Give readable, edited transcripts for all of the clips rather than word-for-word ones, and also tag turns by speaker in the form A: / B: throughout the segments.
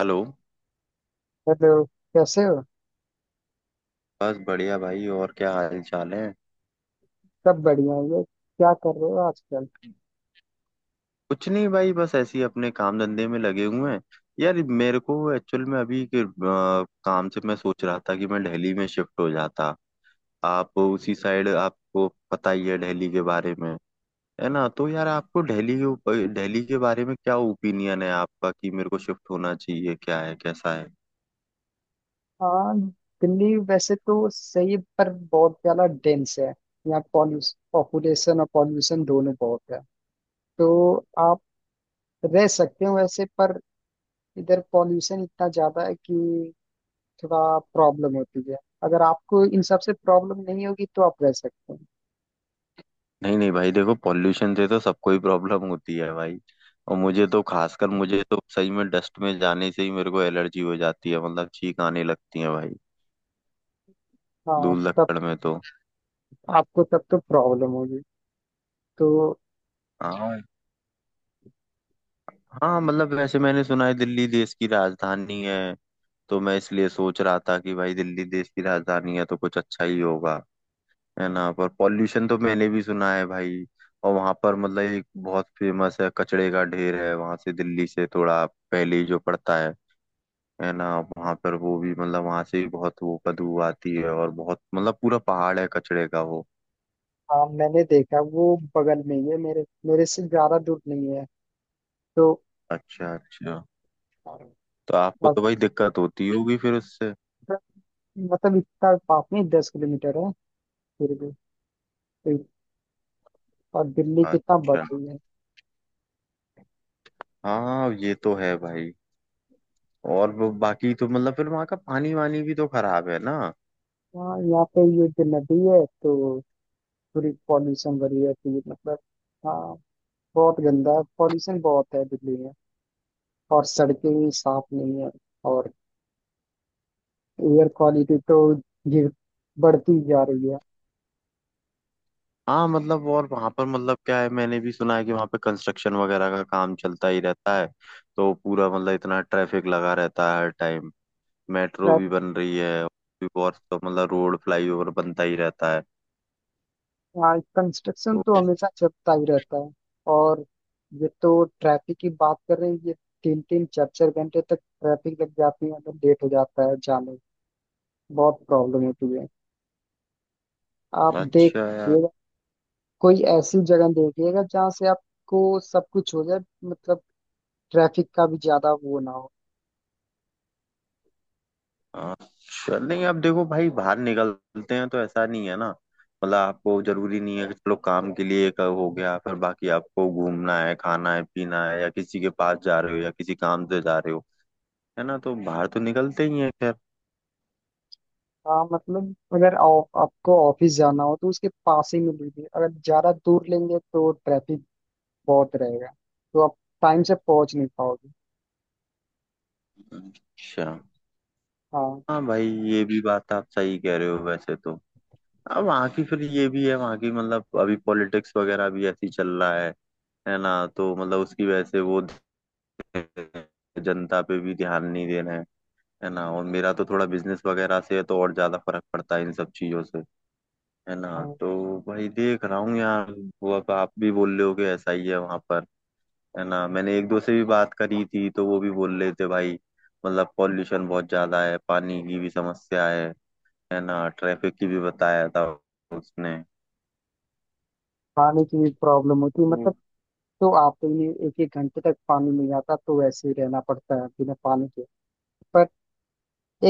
A: Hello.
B: Hello. कैसे हो।
A: बस बढ़िया भाई, और क्या हाल चाल है?
B: सब बढ़िया है। ये क्या कर रहे हो आजकल।
A: कुछ नहीं भाई, बस ऐसे ही अपने काम धंधे में लगे हुए हैं। यार मेरे को एक्चुअल में अभी के, काम से मैं सोच रहा था कि मैं दिल्ली में शिफ्ट हो जाता। आप उसी साइड, आपको पता ही है दिल्ली के बारे में, है ना? तो यार आपको दिल्ली के दिल्ली के बारे में क्या ओपिनियन है आपका, कि मेरे को शिफ्ट होना चाहिए, क्या है, कैसा है?
B: हाँ, दिल्ली वैसे तो सही है, पर बहुत ज्यादा डेंस है। यहाँ पॉल्यूशन पॉपुलेशन और पॉल्यूशन दोनों बहुत है, तो आप रह सकते हो वैसे, पर इधर पॉल्यूशन इतना ज्यादा है कि थोड़ा प्रॉब्लम होती है। अगर आपको इन सब से प्रॉब्लम नहीं होगी तो आप रह सकते हो।
A: नहीं नहीं भाई, देखो पॉल्यूशन से तो सबको ही प्रॉब्लम होती है भाई। और मुझे तो, खासकर मुझे तो सही में डस्ट में जाने से ही मेरे को एलर्जी हो जाती है, मतलब छींक आने लगती है भाई।
B: हाँ
A: धूल
B: तब,
A: लकड़ में तो।
B: आपको तब तो प्रॉब्लम होगी तो।
A: हाँ। हाँ मतलब, वैसे मैंने सुना है दिल्ली देश की राजधानी है, तो मैं इसलिए सोच रहा था कि भाई दिल्ली देश की राजधानी है तो कुछ अच्छा ही होगा। है ना? पर पॉल्यूशन तो मैंने भी सुना है भाई। और वहां पर मतलब एक बहुत फेमस है, कचड़े का ढेर है वहां, से दिल्ली से थोड़ा पहले ही जो पड़ता है ना? वहां पर वो भी मतलब वहां से भी बहुत वो बदबू आती है, और बहुत मतलब पूरा पहाड़ है कचड़े का वो।
B: हाँ, मैंने देखा वो बगल में ही है, मेरे मेरे से ज्यादा दूर नहीं है। तो
A: अच्छा अच्छा।
B: और
A: तो आपको
B: बस-
A: तो भाई दिक्कत होती होगी फिर उससे।
B: मतलब इसका पापनी 10 किलोमीटर है, फिर भी। तो- और दिल्ली कितना बढ़
A: अच्छा।
B: रही है।
A: हाँ ये तो है भाई। और वो बाकी तो मतलब फिर वहाँ का पानी वानी भी तो खराब है ना।
B: हाँ, यहाँ पे ये जो नदी है तो पूरी पॉल्यूशन भरी रहती है, तो ये मतलब। हाँ, बहुत गंदा है, पॉल्यूशन बहुत है दिल्ली में। और सड़कें भी साफ नहीं है। और एयर क्वालिटी तो ये बढ़ती जा रही
A: हाँ मतलब, और वहाँ पर मतलब क्या है, मैंने भी सुना है कि वहाँ पे कंस्ट्रक्शन वगैरह का काम चलता ही रहता है, तो पूरा मतलब इतना ट्रैफिक लगा रहता है हर टाइम। मेट्रो
B: है।
A: भी बन रही है, और भी बहुत, तो मतलब रोड फ्लाईओवर बनता ही रहता है
B: हाँ, कंस्ट्रक्शन
A: तो।
B: तो हमेशा चलता ही रहता है। और ये तो ट्रैफिक की बात कर रहे हैं ये, तीन तीन चार चार घंटे तक ट्रैफिक लग जाती है, मतलब लेट हो जाता है जाने में। बहुत प्रॉब्लम होती है। आप
A: अच्छा यार।
B: देखिएगा, कोई ऐसी जगह देखिएगा जहाँ से आपको सब कुछ हो जाए, मतलब ट्रैफिक का भी ज्यादा वो ना हो।
A: हाँ। चल नहीं, अब देखो भाई बाहर निकलते हैं तो ऐसा नहीं है ना, मतलब आपको जरूरी नहीं है कि चलो काम के लिए एक हो गया, फिर बाकी आपको घूमना है, खाना है, पीना है, या किसी के पास जा रहे हो, या किसी काम से जा रहे हो, है ना? तो बाहर तो निकलते ही है खैर।
B: हाँ, मतलब अगर आपको ऑफिस जाना हो तो उसके पास ही में लीजिए, अगर ज्यादा दूर लेंगे तो ट्रैफिक बहुत रहेगा, तो आप टाइम से पहुंच नहीं पाओगे।
A: अच्छा।
B: हाँ।
A: हाँ भाई ये भी बात आप सही कह रहे हो वैसे तो। अब वहाँ की फिर ये भी है, वहाँ की मतलब अभी पॉलिटिक्स वगैरह भी ऐसी चल रहा है ना? तो मतलब उसकी वजह से वो जनता पे भी ध्यान नहीं दे रहे हैं, है ना? और मेरा तो थोड़ा बिजनेस वगैरह से है तो और ज्यादा फर्क पड़ता है इन सब चीजों से, है ना?
B: हाँ,
A: तो भाई देख रहा हूँ यार, वो अब आप भी बोल रहे हो कि ऐसा ही है वहां पर, है ना? मैंने एक दो से भी बात करी थी तो वो भी बोल रहे थे भाई, मतलब पॉल्यूशन बहुत ज्यादा है, पानी की भी समस्या है ना? ट्रैफिक की भी बताया था उसने।
B: पानी की भी प्रॉब्लम होती है, मतलब
A: तो-
B: तो आपके लिए एक एक घंटे तक पानी नहीं आता, तो वैसे ही रहना पड़ता है बिना पानी के, पर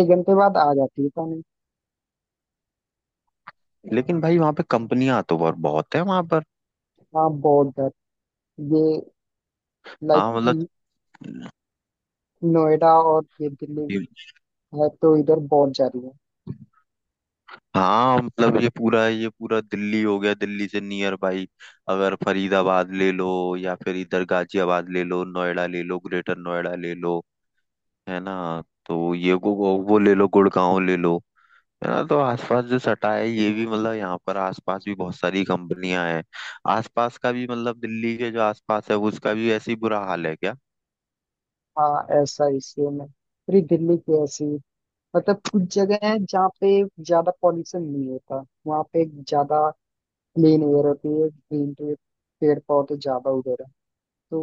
B: एक घंटे बाद आ जाती है पानी।
A: लेकिन भाई वहां पे कंपनियां तो बहुत बहुत है वहां पर।
B: हाँ, बहुत दर ये, लाइक
A: हाँ मतलब,
B: नोएडा और ये दिल्ली है तो इधर बहुत जा रही है।
A: हाँ मतलब ये पूरा, ये पूरा दिल्ली हो गया, दिल्ली से नियर बाई। अगर फरीदाबाद ले लो, या फिर इधर गाजियाबाद ले लो, नोएडा ले लो, ग्रेटर नोएडा ले लो, है ना? तो ये गो वो ले लो, गुड़गांव ले लो, है ना? तो आसपास जो सटा है ये भी मतलब, यहाँ पर आसपास भी बहुत सारी कंपनियां हैं। आसपास का भी मतलब दिल्ली के जो आसपास है, उसका भी ऐसी बुरा हाल है क्या?
B: हाँ, ऐसा इसलिए में पूरी दिल्ली की ऐसी, मतलब कुछ जगह है जहाँ पे ज्यादा पॉल्यूशन नहीं होता, वहाँ पे ज्यादा प्लेन एयर होती है, ग्रीन पेड़ पौधे ज्यादा उधर है, तो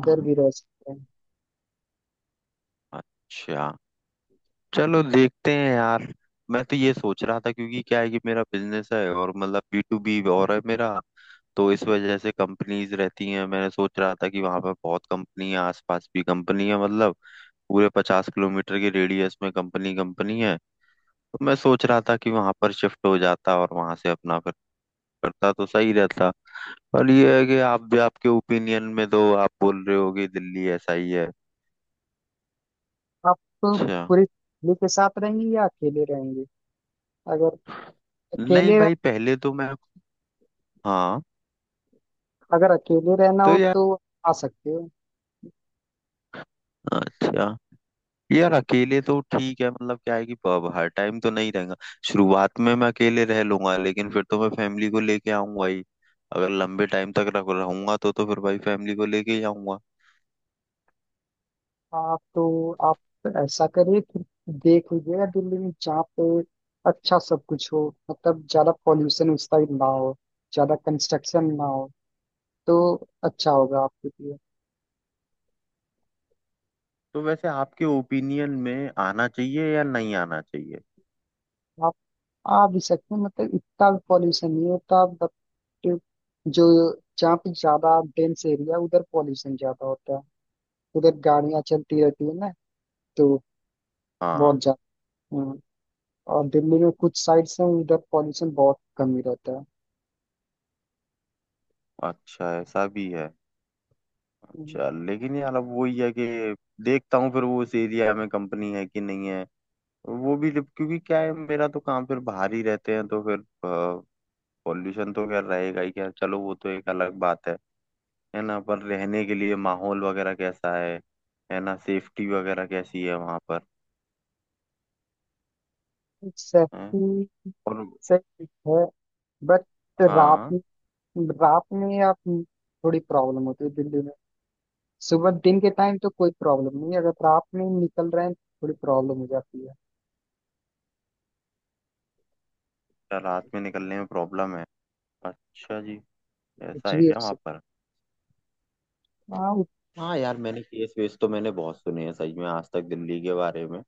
B: उधर भी रह सकते हैं।
A: अच्छा। चलो देखते हैं यार। मैं तो ये सोच रहा था क्योंकि क्या है कि मेरा बिजनेस है, और मतलब B2B और है मेरा, तो इस वजह से कंपनीज रहती हैं। मैंने सोच रहा था कि वहां पर बहुत कंपनी है, आसपास भी कंपनी है, मतलब पूरे 50 किलोमीटर के रेडियस में कंपनी कंपनी है। तो मैं सोच रहा था कि वहां पर शिफ्ट हो जाता और वहां से अपना फिर करता तो सही रहता। पर ये है कि आप भी, आपके ओपिनियन में दो, आप बोल रहे हो कि दिल्ली ऐसा ही है।
B: आप तो
A: अच्छा।
B: पूरी फैमिली के साथ रहेंगे या अकेले रहेंगे। अगर
A: नहीं
B: अकेले
A: भाई पहले तो मैं। हाँ
B: अगर अकेले रहना
A: तो
B: हो
A: यार।
B: तो आ सकते हो।
A: अच्छा यार, अकेले तो ठीक है, मतलब क्या है कि पब हर टाइम तो नहीं रहेगा। शुरुआत में मैं अकेले रह लूंगा, लेकिन फिर तो मैं फैमिली को लेके आऊंगा ही। अगर लंबे टाइम तक रह रहूंगा तो फिर भाई फैमिली को लेके ही आऊंगा।
B: आप तो ऐसा करिए कि देख लीजिएगा दिल्ली में जहाँ पे अच्छा सब कुछ हो, मतलब ज्यादा पॉल्यूशन उस साइड ना हो, ज्यादा कंस्ट्रक्शन ना हो, तो अच्छा होगा आपके लिए।
A: तो वैसे आपके ओपिनियन में आना चाहिए या नहीं आना चाहिए?
B: आप आ भी सकते हैं, मतलब इतना भी पॉल्यूशन नहीं होता, बट जो जहाँ पे ज्यादा डेंस एरिया उधर पॉल्यूशन ज्यादा होता है, उधर गाड़ियां चलती रहती है ना, तो
A: हाँ।
B: बहुत ज्यादा। हाँ, और दिल्ली में कुछ साइड्स हैं उधर पॉल्यूशन बहुत कम ही रहता है।
A: अच्छा, ऐसा भी है।
B: हम्म।
A: अच्छा लेकिन यार अब वही है कि देखता हूँ फिर, वो उस एरिया में कंपनी है कि नहीं है। वो भी क्योंकि क्या है, मेरा तो काम फिर बाहर ही रहते हैं तो फिर पॉल्यूशन तो खैर रहेगा ही, खैर चलो वो तो एक अलग बात है। है ना? पर रहने के लिए माहौल वगैरह कैसा है? है ना? सेफ्टी वगैरह कैसी है वहाँ पर? है
B: सेफ्टी
A: और।
B: से ठीक है, बट रात
A: हाँ।
B: में रात में आप, थोड़ी प्रॉब्लम होती है दिल्ली में। सुबह दिन के टाइम तो कोई प्रॉब्लम नहीं है, अगर रात में निकल रहे हैं थोड़ी प्रॉब्लम हो जाती है।
A: क्या, रात में निकलने में प्रॉब्लम है? अच्छा जी। ऐसा
B: कुछ
A: है
B: भी हो
A: क्या वहाँ पर?
B: सकता है।
A: हाँ यार, मैंने केस वेस तो मैंने बहुत सुने हैं सही में आज तक दिल्ली के बारे में,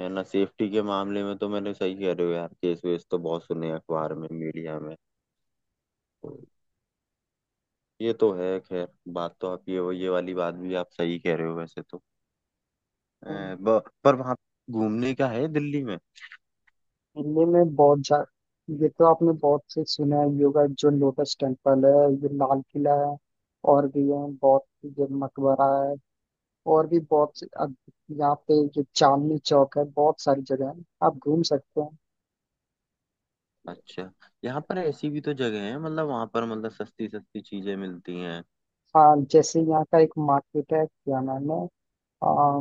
A: है ना? सेफ्टी के मामले में तो, मैंने सही कह रहे हो यार, केस वेस तो बहुत सुने हैं अखबार में, मीडिया में तो। ये तो है खैर, बात तो आप, ये वाली बात भी आप सही कह रहे हो वैसे तो।
B: हाँ,
A: पर वहां घूमने का है दिल्ली में?
B: दिल्ली में बहुत जा, ये तो आपने बहुत से सुना है, योगा जो लोटस टेम्पल है, ये लाल किला है, और भी है बहुत, ये मकबरा है, और भी बहुत से। अब यहाँ पे ये चांदनी चौक है, बहुत सारी जगह है आप घूम सकते हैं।
A: अच्छा। यहाँ पर ऐसी भी तो जगह है मतलब, वहां पर मतलब सस्ती सस्ती चीजें मिलती हैं?
B: हाँ, जैसे यहाँ का एक मार्केट है, क्या नाम है, आ,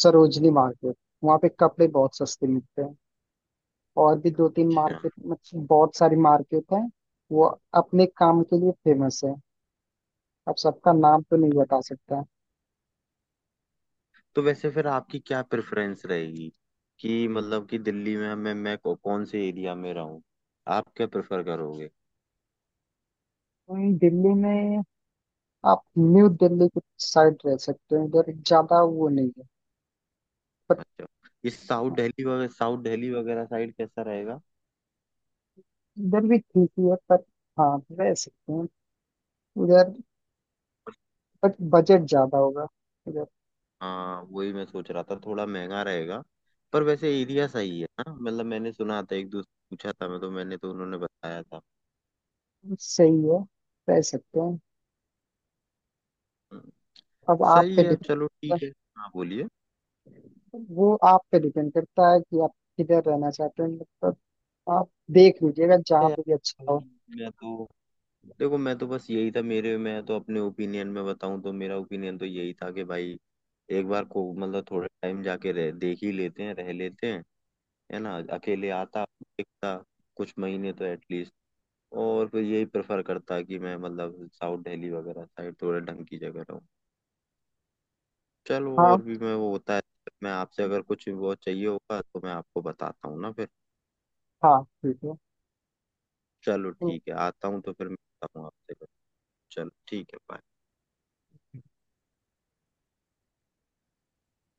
B: सरोजनी मार्केट। वहाँ पे कपड़े बहुत सस्ते मिलते हैं। और भी दो तीन
A: अच्छा।
B: मार्केट, मतलब बहुत सारी मार्केट है, वो अपने काम के लिए फेमस है। अब सबका नाम तो नहीं बता सकता।
A: तो वैसे फिर आपकी क्या प्रेफरेंस रहेगी, कि मतलब कि दिल्ली में मैं कौन से एरिया में रहूँ, आप क्या प्रेफर करोगे?
B: वहीं दिल्ली में आप न्यू दिल्ली की साइड रह सकते हैं, उधर ज्यादा वो नहीं है, पर।
A: अच्छा, इस साउथ दिल्ली वगैरह, साउथ दिल्ली वगैरह साइड कैसा रहेगा?
B: इधर भी ठीक ही है, पर, हाँ रह सकते हैं उधर, बट बजट ज्यादा होगा उधर।
A: हाँ वही मैं सोच रहा था, थोड़ा महंगा रहेगा। पर वैसे एरिया सही है ना, मतलब मैंने सुना था, एक दोस्त पूछा था मैं तो, मैंने तो उन्होंने बताया था।
B: सही है, रह सकते हैं। अब आप
A: सही
B: पे
A: है,
B: डिपेंड
A: चलो
B: करता
A: ठीक है। हाँ बोलिए।
B: है, वो आप पे डिपेंड करता है कि आप किधर रहना चाहते हैं, मतलब आप देख लीजिएगा जहाँ पे भी अच्छा हो।
A: मैं तो देखो, मैं तो बस यही था मेरे, मैं तो अपने ओपिनियन में बताऊं तो मेरा ओपिनियन तो यही था कि भाई एक बार को मतलब थोड़े टाइम जाके रह देख ही लेते हैं, रह लेते हैं, है ना, अकेले आता देखता, कुछ महीने तो एटलीस्ट। और फिर यही प्रेफर करता कि मैं मतलब साउथ दिल्ली वगैरह साइड थोड़ा ढंग की जगह रहूँ। चलो
B: हाँ।
A: और भी मैं वो होता है, मैं आपसे अगर कुछ वो चाहिए होगा तो मैं आपको बताता हूँ ना फिर।
B: हाँ ठीक है।
A: चलो ठीक है,
B: तो
A: आता हूँ तो फिर मिलता हूँ आपसे। चलो ठीक है bye.